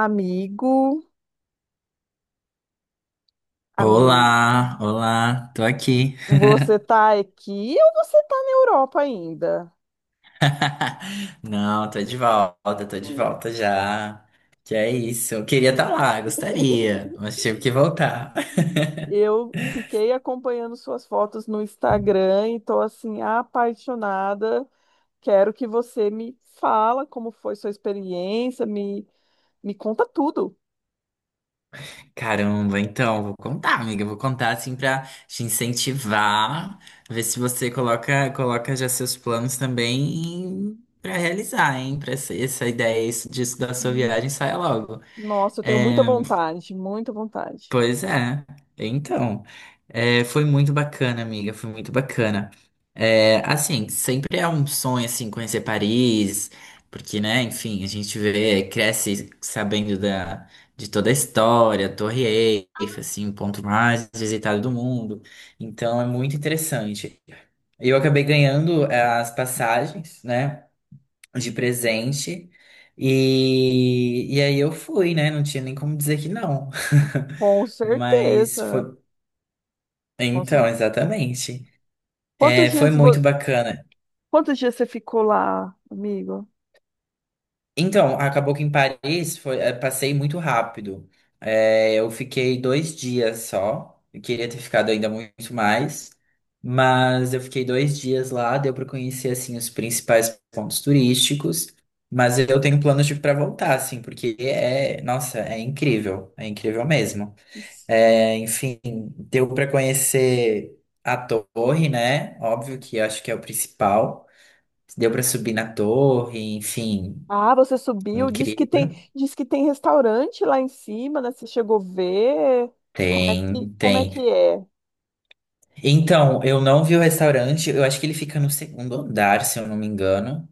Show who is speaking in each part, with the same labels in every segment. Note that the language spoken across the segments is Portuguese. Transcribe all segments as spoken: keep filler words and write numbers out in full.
Speaker 1: Amigo, amigo,
Speaker 2: Olá, olá, tô aqui.
Speaker 1: você tá aqui ou você tá na Europa ainda?
Speaker 2: Não, tô de volta, tô de
Speaker 1: É.
Speaker 2: volta já. Que é isso, eu queria estar lá, gostaria, mas tive que voltar.
Speaker 1: Eu fiquei acompanhando suas fotos no Instagram e tô assim apaixonada. Quero que você me fala como foi sua experiência, me me conta tudo.
Speaker 2: Caramba, então, vou contar, amiga, vou contar assim pra te incentivar, ver se você coloca, coloca já seus planos também pra realizar, hein? Pra essa, essa ideia isso, disso da sua
Speaker 1: Hum,
Speaker 2: viagem saia logo.
Speaker 1: Nossa, eu tenho muita
Speaker 2: É,
Speaker 1: vontade, muita vontade.
Speaker 2: pois é. Então, é, foi muito bacana, amiga, foi muito bacana. É, assim, sempre é um sonho, assim, conhecer Paris, porque, né, enfim, a gente vê, cresce sabendo da, de toda a história, a Torre Eiffel, assim, o ponto mais visitado do mundo. Então, é muito interessante. Eu acabei ganhando eh, as passagens, né? De presente. E, e aí eu fui, né? Não tinha nem como dizer que não.
Speaker 1: Com
Speaker 2: Mas foi.
Speaker 1: certeza, com cer-
Speaker 2: Então, exatamente.
Speaker 1: Quantos
Speaker 2: É, foi
Speaker 1: dias vo-
Speaker 2: muito bacana.
Speaker 1: quantos dias você ficou lá, amigo?
Speaker 2: Então, acabou que em Paris foi, eh, passei muito rápido. Eh, eu fiquei dois dias só. Eu queria ter ficado ainda muito mais, mas eu fiquei dois dias lá. Deu para conhecer assim os principais pontos turísticos. Mas eu tenho planos de para voltar, assim, porque é, nossa, é incrível, é incrível mesmo. Eh, enfim, deu para conhecer a torre, né? Óbvio que acho que é o principal. Deu para subir na torre, enfim,
Speaker 1: Ah, você subiu, diz que tem,
Speaker 2: incrível.
Speaker 1: diz que tem restaurante lá em cima, né? Você chegou a ver? Como é que,
Speaker 2: Tem,
Speaker 1: como é
Speaker 2: tem.
Speaker 1: que é?
Speaker 2: Então, eu não vi o restaurante, eu acho que ele fica no segundo andar, se eu não me engano.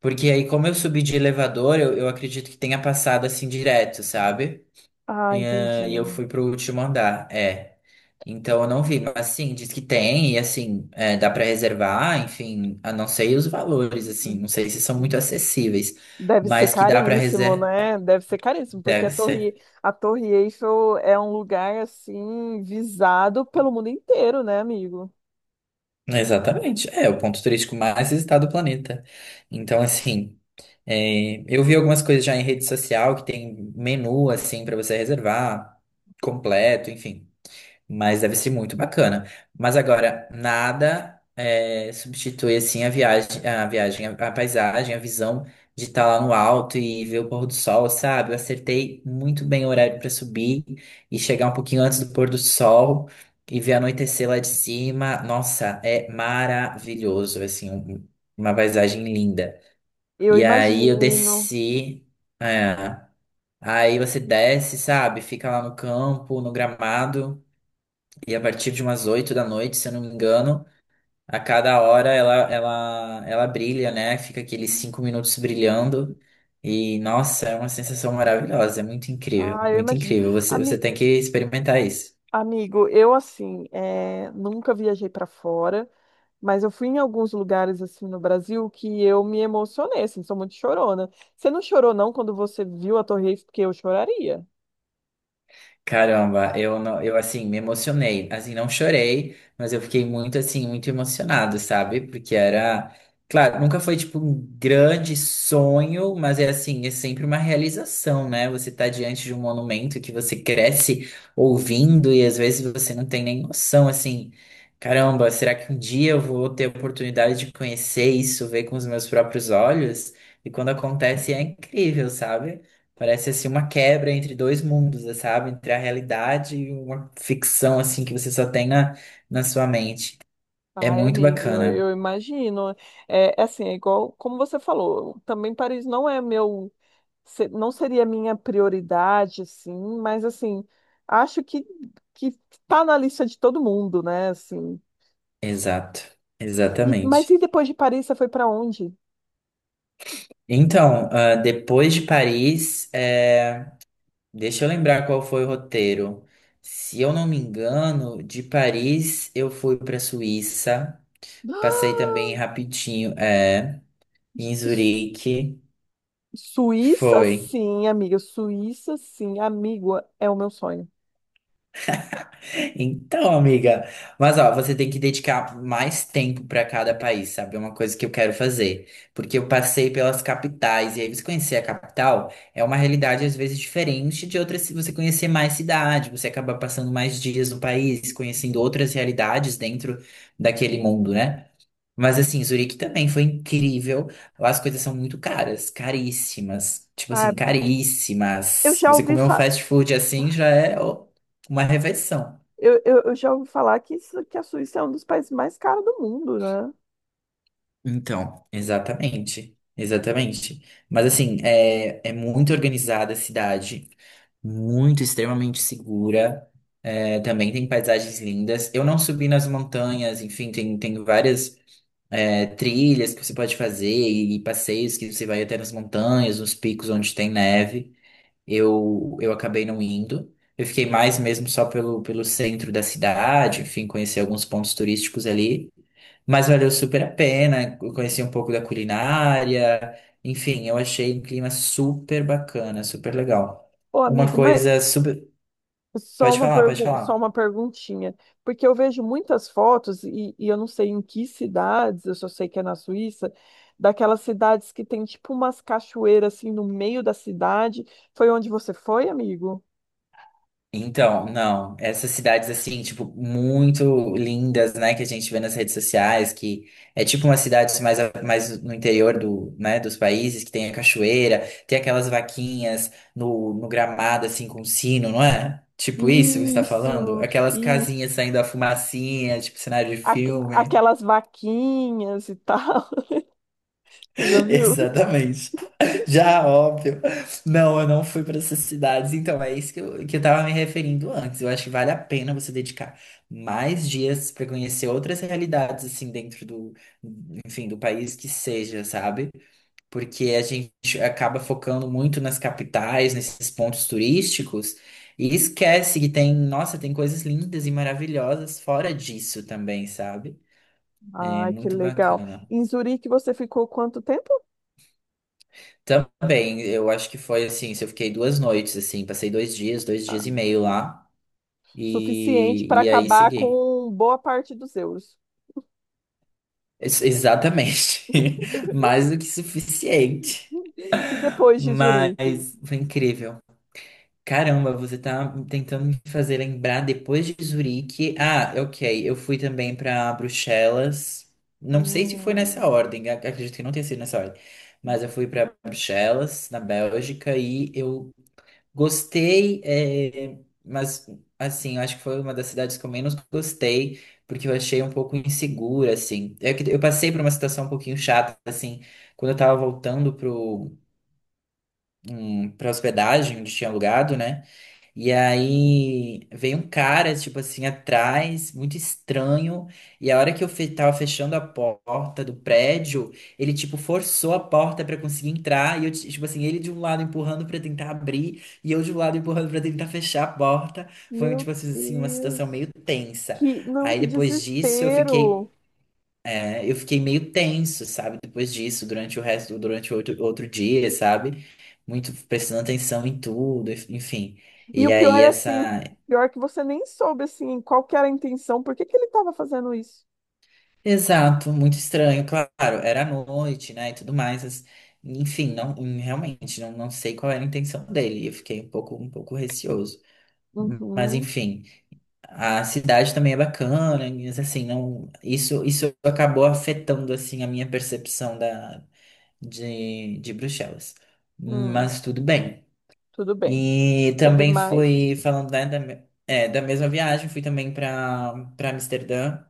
Speaker 2: Porque aí, como eu subi de elevador, eu, eu acredito que tenha passado assim direto, sabe?
Speaker 1: Ah,
Speaker 2: E eh, e eu
Speaker 1: entendi.
Speaker 2: fui pro último andar, é. Então eu não vi, mas assim, diz que tem, e assim, é, dá pra reservar, enfim, a não sei os valores, assim, não sei se são muito acessíveis,
Speaker 1: Deve ser
Speaker 2: mas que dá pra
Speaker 1: caríssimo,
Speaker 2: reservar,
Speaker 1: né? Deve ser caríssimo, porque a
Speaker 2: deve
Speaker 1: Torre,
Speaker 2: ser.
Speaker 1: a Torre Eiffel é um lugar assim visado pelo mundo inteiro, né, amigo?
Speaker 2: Exatamente, é o ponto turístico mais visitado do planeta. Então, assim. É, eu vi algumas coisas já em rede social que tem menu assim pra você reservar completo, enfim. Mas deve ser muito bacana. Mas agora, nada é, substitui assim a viagem, a viagem, a, a paisagem, a visão de estar lá no alto e ver o pôr do sol, sabe? Eu acertei muito bem o horário para subir e chegar um pouquinho antes do pôr do sol e ver anoitecer lá de cima. Nossa, é maravilhoso, assim, um- uma paisagem linda.
Speaker 1: Eu
Speaker 2: E aí eu
Speaker 1: imagino.
Speaker 2: desci. É. Aí você desce, sabe? Fica lá no campo, no gramado. E a partir de umas oito da noite, se eu não me engano, a cada hora ela, ela, ela brilha, né? Fica aqueles cinco minutos brilhando. E nossa, é uma sensação maravilhosa. É muito incrível,
Speaker 1: Ah, eu
Speaker 2: muito
Speaker 1: imagino.
Speaker 2: incrível. Você, você
Speaker 1: Ami-
Speaker 2: tem que experimentar isso.
Speaker 1: amigo, eu assim, é, nunca viajei para fora. Mas eu fui em alguns lugares assim no Brasil que eu me emocionei, assim, sou muito chorona. Você não chorou não quando você viu a Torre Eiffel? Porque eu choraria.
Speaker 2: Caramba, eu não, eu assim me emocionei, assim não chorei, mas eu fiquei muito assim, muito emocionado, sabe? Porque era, claro, nunca foi tipo um grande sonho, mas é assim, é sempre uma realização, né? Você tá diante de um monumento que você cresce ouvindo e às vezes você não tem nem noção, assim, caramba, será que um dia eu vou ter a oportunidade de conhecer isso, ver com os meus próprios olhos? E quando acontece é incrível, sabe? Parece assim uma quebra entre dois mundos, eh, sabe? Entre a realidade e uma ficção assim que você só tem na, na sua mente. É
Speaker 1: Ai,
Speaker 2: muito
Speaker 1: amigo, eu,
Speaker 2: bacana.
Speaker 1: eu imagino. É, é assim, é igual como você falou, também Paris não é meu, se- não seria minha prioridade, assim, mas assim, acho que que tá na lista de todo mundo, né, assim.
Speaker 2: Exato.
Speaker 1: E, mas e
Speaker 2: Exatamente.
Speaker 1: depois de Paris, você foi para onde?
Speaker 2: Então, ah, depois de Paris, eh, deixa eu lembrar qual foi o roteiro. Se eu não me engano, de Paris eu fui para Suíça, passei também rapidinho, é, em Zurique.
Speaker 1: Suíça,
Speaker 2: Foi.
Speaker 1: sim, amiga. Suíça, sim, amigo, é o meu sonho.
Speaker 2: Então, amiga, mas ó, você tem que dedicar mais tempo para cada país, sabe? É uma coisa que eu quero fazer, porque eu passei pelas capitais e aí você conhecer a capital é uma realidade às vezes diferente de outras, se você conhecer mais cidade, você acaba passando mais dias no país, conhecendo outras realidades dentro daquele mundo, né? Mas assim, Zurique também foi incrível. Lá as coisas são muito caras, caríssimas. Tipo
Speaker 1: Ah,
Speaker 2: assim,
Speaker 1: eu
Speaker 2: caríssimas.
Speaker 1: já
Speaker 2: Você
Speaker 1: ouvi
Speaker 2: comer um
Speaker 1: fa...
Speaker 2: fast food assim já é ó, uma refeição.
Speaker 1: eu, eu, eu já ouvi falar que, isso- que a Suíça é um dos países mais caros do mundo, né?
Speaker 2: Então, exatamente, exatamente. Mas assim, é, é muito organizada a cidade, muito extremamente segura. É, também tem paisagens lindas. Eu não subi nas montanhas, enfim, tem, tem várias é, trilhas que você pode fazer e, passeios que você vai até nas montanhas, nos picos onde tem neve. Eu, eu acabei não indo. Eu fiquei mais mesmo só pelo, pelo centro da cidade, enfim, conheci alguns pontos turísticos ali. Mas valeu super a pena. Eu conheci um pouco da culinária. Enfim, eu achei um clima super bacana, super legal.
Speaker 1: Ô,
Speaker 2: Uma
Speaker 1: amigo, mas
Speaker 2: coisa super.
Speaker 1: só
Speaker 2: Pode
Speaker 1: uma
Speaker 2: falar, pode
Speaker 1: pergu... só
Speaker 2: falar.
Speaker 1: uma perguntinha, porque eu vejo muitas fotos e, e eu não sei em que cidades, eu só sei que é na Suíça, daquelas cidades que tem tipo umas cachoeiras assim no meio da cidade. Foi onde você foi, amigo?
Speaker 2: Então, não, essas cidades assim, tipo, muito lindas, né, que a gente vê nas redes sociais, que é tipo umas cidades mais, a- mais no interior do, né, dos países, que tem a cachoeira, tem aquelas vaquinhas no, no gramado, assim, com sino, não é? Tipo isso que você está falando?
Speaker 1: Isso,
Speaker 2: Aquelas casinhas saindo a fumacinha, tipo cenário de
Speaker 1: Aque-
Speaker 2: filme.
Speaker 1: aquelas vaquinhas e tal. Você já viu?
Speaker 2: Exatamente. Já, óbvio. Não, eu não fui para essas cidades. Então, é isso que eu, que eu tava me referindo antes. Eu acho que vale a pena você dedicar mais dias para conhecer outras realidades, assim, dentro do, enfim, do país que seja, sabe? Porque a gente acaba focando muito nas capitais, nesses pontos turísticos, e esquece que tem, nossa, tem coisas lindas e maravilhosas fora disso também, sabe? É
Speaker 1: Ai, que
Speaker 2: muito
Speaker 1: legal.
Speaker 2: bacana.
Speaker 1: Em Zurique você ficou quanto tempo?
Speaker 2: Também, eu acho que foi assim, se eu fiquei duas noites, assim, passei dois dias, dois
Speaker 1: Ah,
Speaker 2: dias e meio lá,
Speaker 1: suficiente
Speaker 2: e,
Speaker 1: para
Speaker 2: e aí
Speaker 1: acabar
Speaker 2: segui.
Speaker 1: com boa parte dos euros.
Speaker 2: Ex- exatamente. Mais do que suficiente.
Speaker 1: E depois de Zurique?
Speaker 2: Mas foi incrível. Caramba, você tá tentando me fazer lembrar depois de Zurique. Ah, ok, eu fui também pra Bruxelas. Não sei se foi nessa
Speaker 1: Hum,
Speaker 2: ordem, ac- acredito que não tenha sido nessa ordem. Mas eu fui pra Bruxelas, na Bélgica, e eu gostei, é, mas assim, eu acho que foi uma das cidades que eu menos gostei, porque eu achei um pouco insegura, assim. É que eu passei por uma situação um pouquinho chata, assim, quando eu tava voltando pro, hum, pra hospedagem onde tinha alugado, né? E aí veio um cara, tipo assim, atrás, muito estranho. E a hora que eu fe tava fechando a porta do prédio, ele, tipo, forçou a porta pra conseguir entrar. E eu, ti- tipo assim, ele de um lado empurrando pra tentar abrir, e eu de um lado empurrando pra tentar fechar a porta. Foi, um,
Speaker 1: meu
Speaker 2: tipo assim, assim, uma
Speaker 1: Deus.
Speaker 2: situação meio tensa.
Speaker 1: Que, não,
Speaker 2: Aí
Speaker 1: que
Speaker 2: depois disso eu fiquei,
Speaker 1: desespero.
Speaker 2: é, eu fiquei meio tenso, sabe? Depois disso, durante o resto, durante o outro, outro dia, sabe? Muito prestando atenção em tudo, enfim.
Speaker 1: E o
Speaker 2: E
Speaker 1: pior
Speaker 2: aí
Speaker 1: é assim,
Speaker 2: essa.
Speaker 1: pior que você nem soube assim qual que era a intenção, por que que ele estava fazendo isso?
Speaker 2: Exato, muito estranho, claro, era à noite, né, e tudo mais, as- enfim, não, hum, realmente, não, não sei qual era a intenção dele, eu fiquei um pouco, um pouco receoso, mas
Speaker 1: Uhum,
Speaker 2: enfim, a cidade também é bacana, mas assim, não, isso, isso acabou afetando, assim, a minha percepção da, de, de Bruxelas,
Speaker 1: hum,
Speaker 2: mas tudo bem,
Speaker 1: tudo bem.
Speaker 2: e
Speaker 1: Teve
Speaker 2: também
Speaker 1: mais?
Speaker 2: fui, falando, né, da, me- é, da mesma viagem, fui também para para Amsterdã,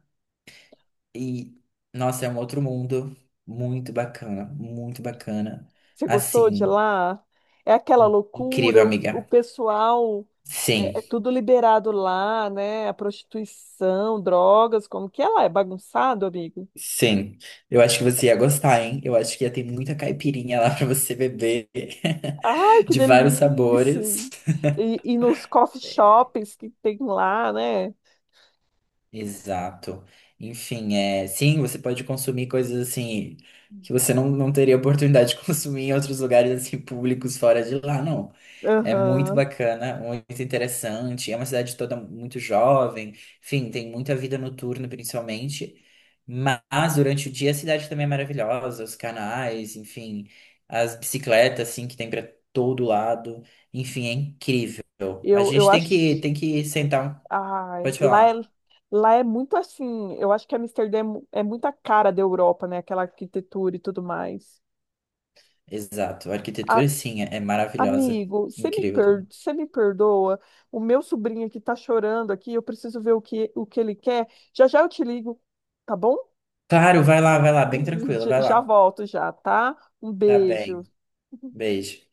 Speaker 2: e, nossa, é um outro mundo muito bacana, muito bacana.
Speaker 1: Você gostou de
Speaker 2: Assim,
Speaker 1: lá? É aquela
Speaker 2: incrível,
Speaker 1: loucura, o, o
Speaker 2: amiga.
Speaker 1: pessoal
Speaker 2: Sim,
Speaker 1: é, é tudo liberado lá, né? A prostituição, drogas, como que é lá? É bagunçado, amigo?
Speaker 2: sim. Eu acho que você ia gostar, hein? Eu acho que ia ter muita caipirinha lá pra você beber,
Speaker 1: Ai, que
Speaker 2: de vários
Speaker 1: delícia!
Speaker 2: sabores.
Speaker 1: E, e nos coffee shops que tem lá, né?
Speaker 2: Exato. Enfim, é, sim, você pode consumir coisas assim que você não, não teria oportunidade de consumir em outros lugares assim públicos fora de lá, não. É muito
Speaker 1: Aham.
Speaker 2: bacana, muito interessante. É uma cidade toda muito jovem. Enfim, tem muita vida noturna, principalmente. Mas durante o dia a cidade também é maravilhosa, os canais, enfim, as bicicletas assim que tem para todo lado. Enfim, é incrível. A
Speaker 1: Eu, eu
Speaker 2: gente tem que
Speaker 1: acho.
Speaker 2: tem que sentar. Um-
Speaker 1: Ai,
Speaker 2: pode
Speaker 1: lá é,
Speaker 2: falar.
Speaker 1: lá é muito assim. Eu acho que Amsterdã é, mu- é muita cara da Europa, né? Aquela arquitetura e tudo mais.
Speaker 2: Exato. A
Speaker 1: A-
Speaker 2: arquitetura, sim, é é maravilhosa.
Speaker 1: amigo, você me,
Speaker 2: Incrível
Speaker 1: per,
Speaker 2: também.
Speaker 1: você me perdoa? O meu sobrinho aqui tá chorando aqui. Eu preciso ver o que, o que ele quer. Já já eu te ligo, tá bom?
Speaker 2: Claro, vai lá, vai lá. Bem tranquila,
Speaker 1: Já,
Speaker 2: vai lá.
Speaker 1: já volto já, tá? Um
Speaker 2: Tá
Speaker 1: beijo.
Speaker 2: bem. Beijo.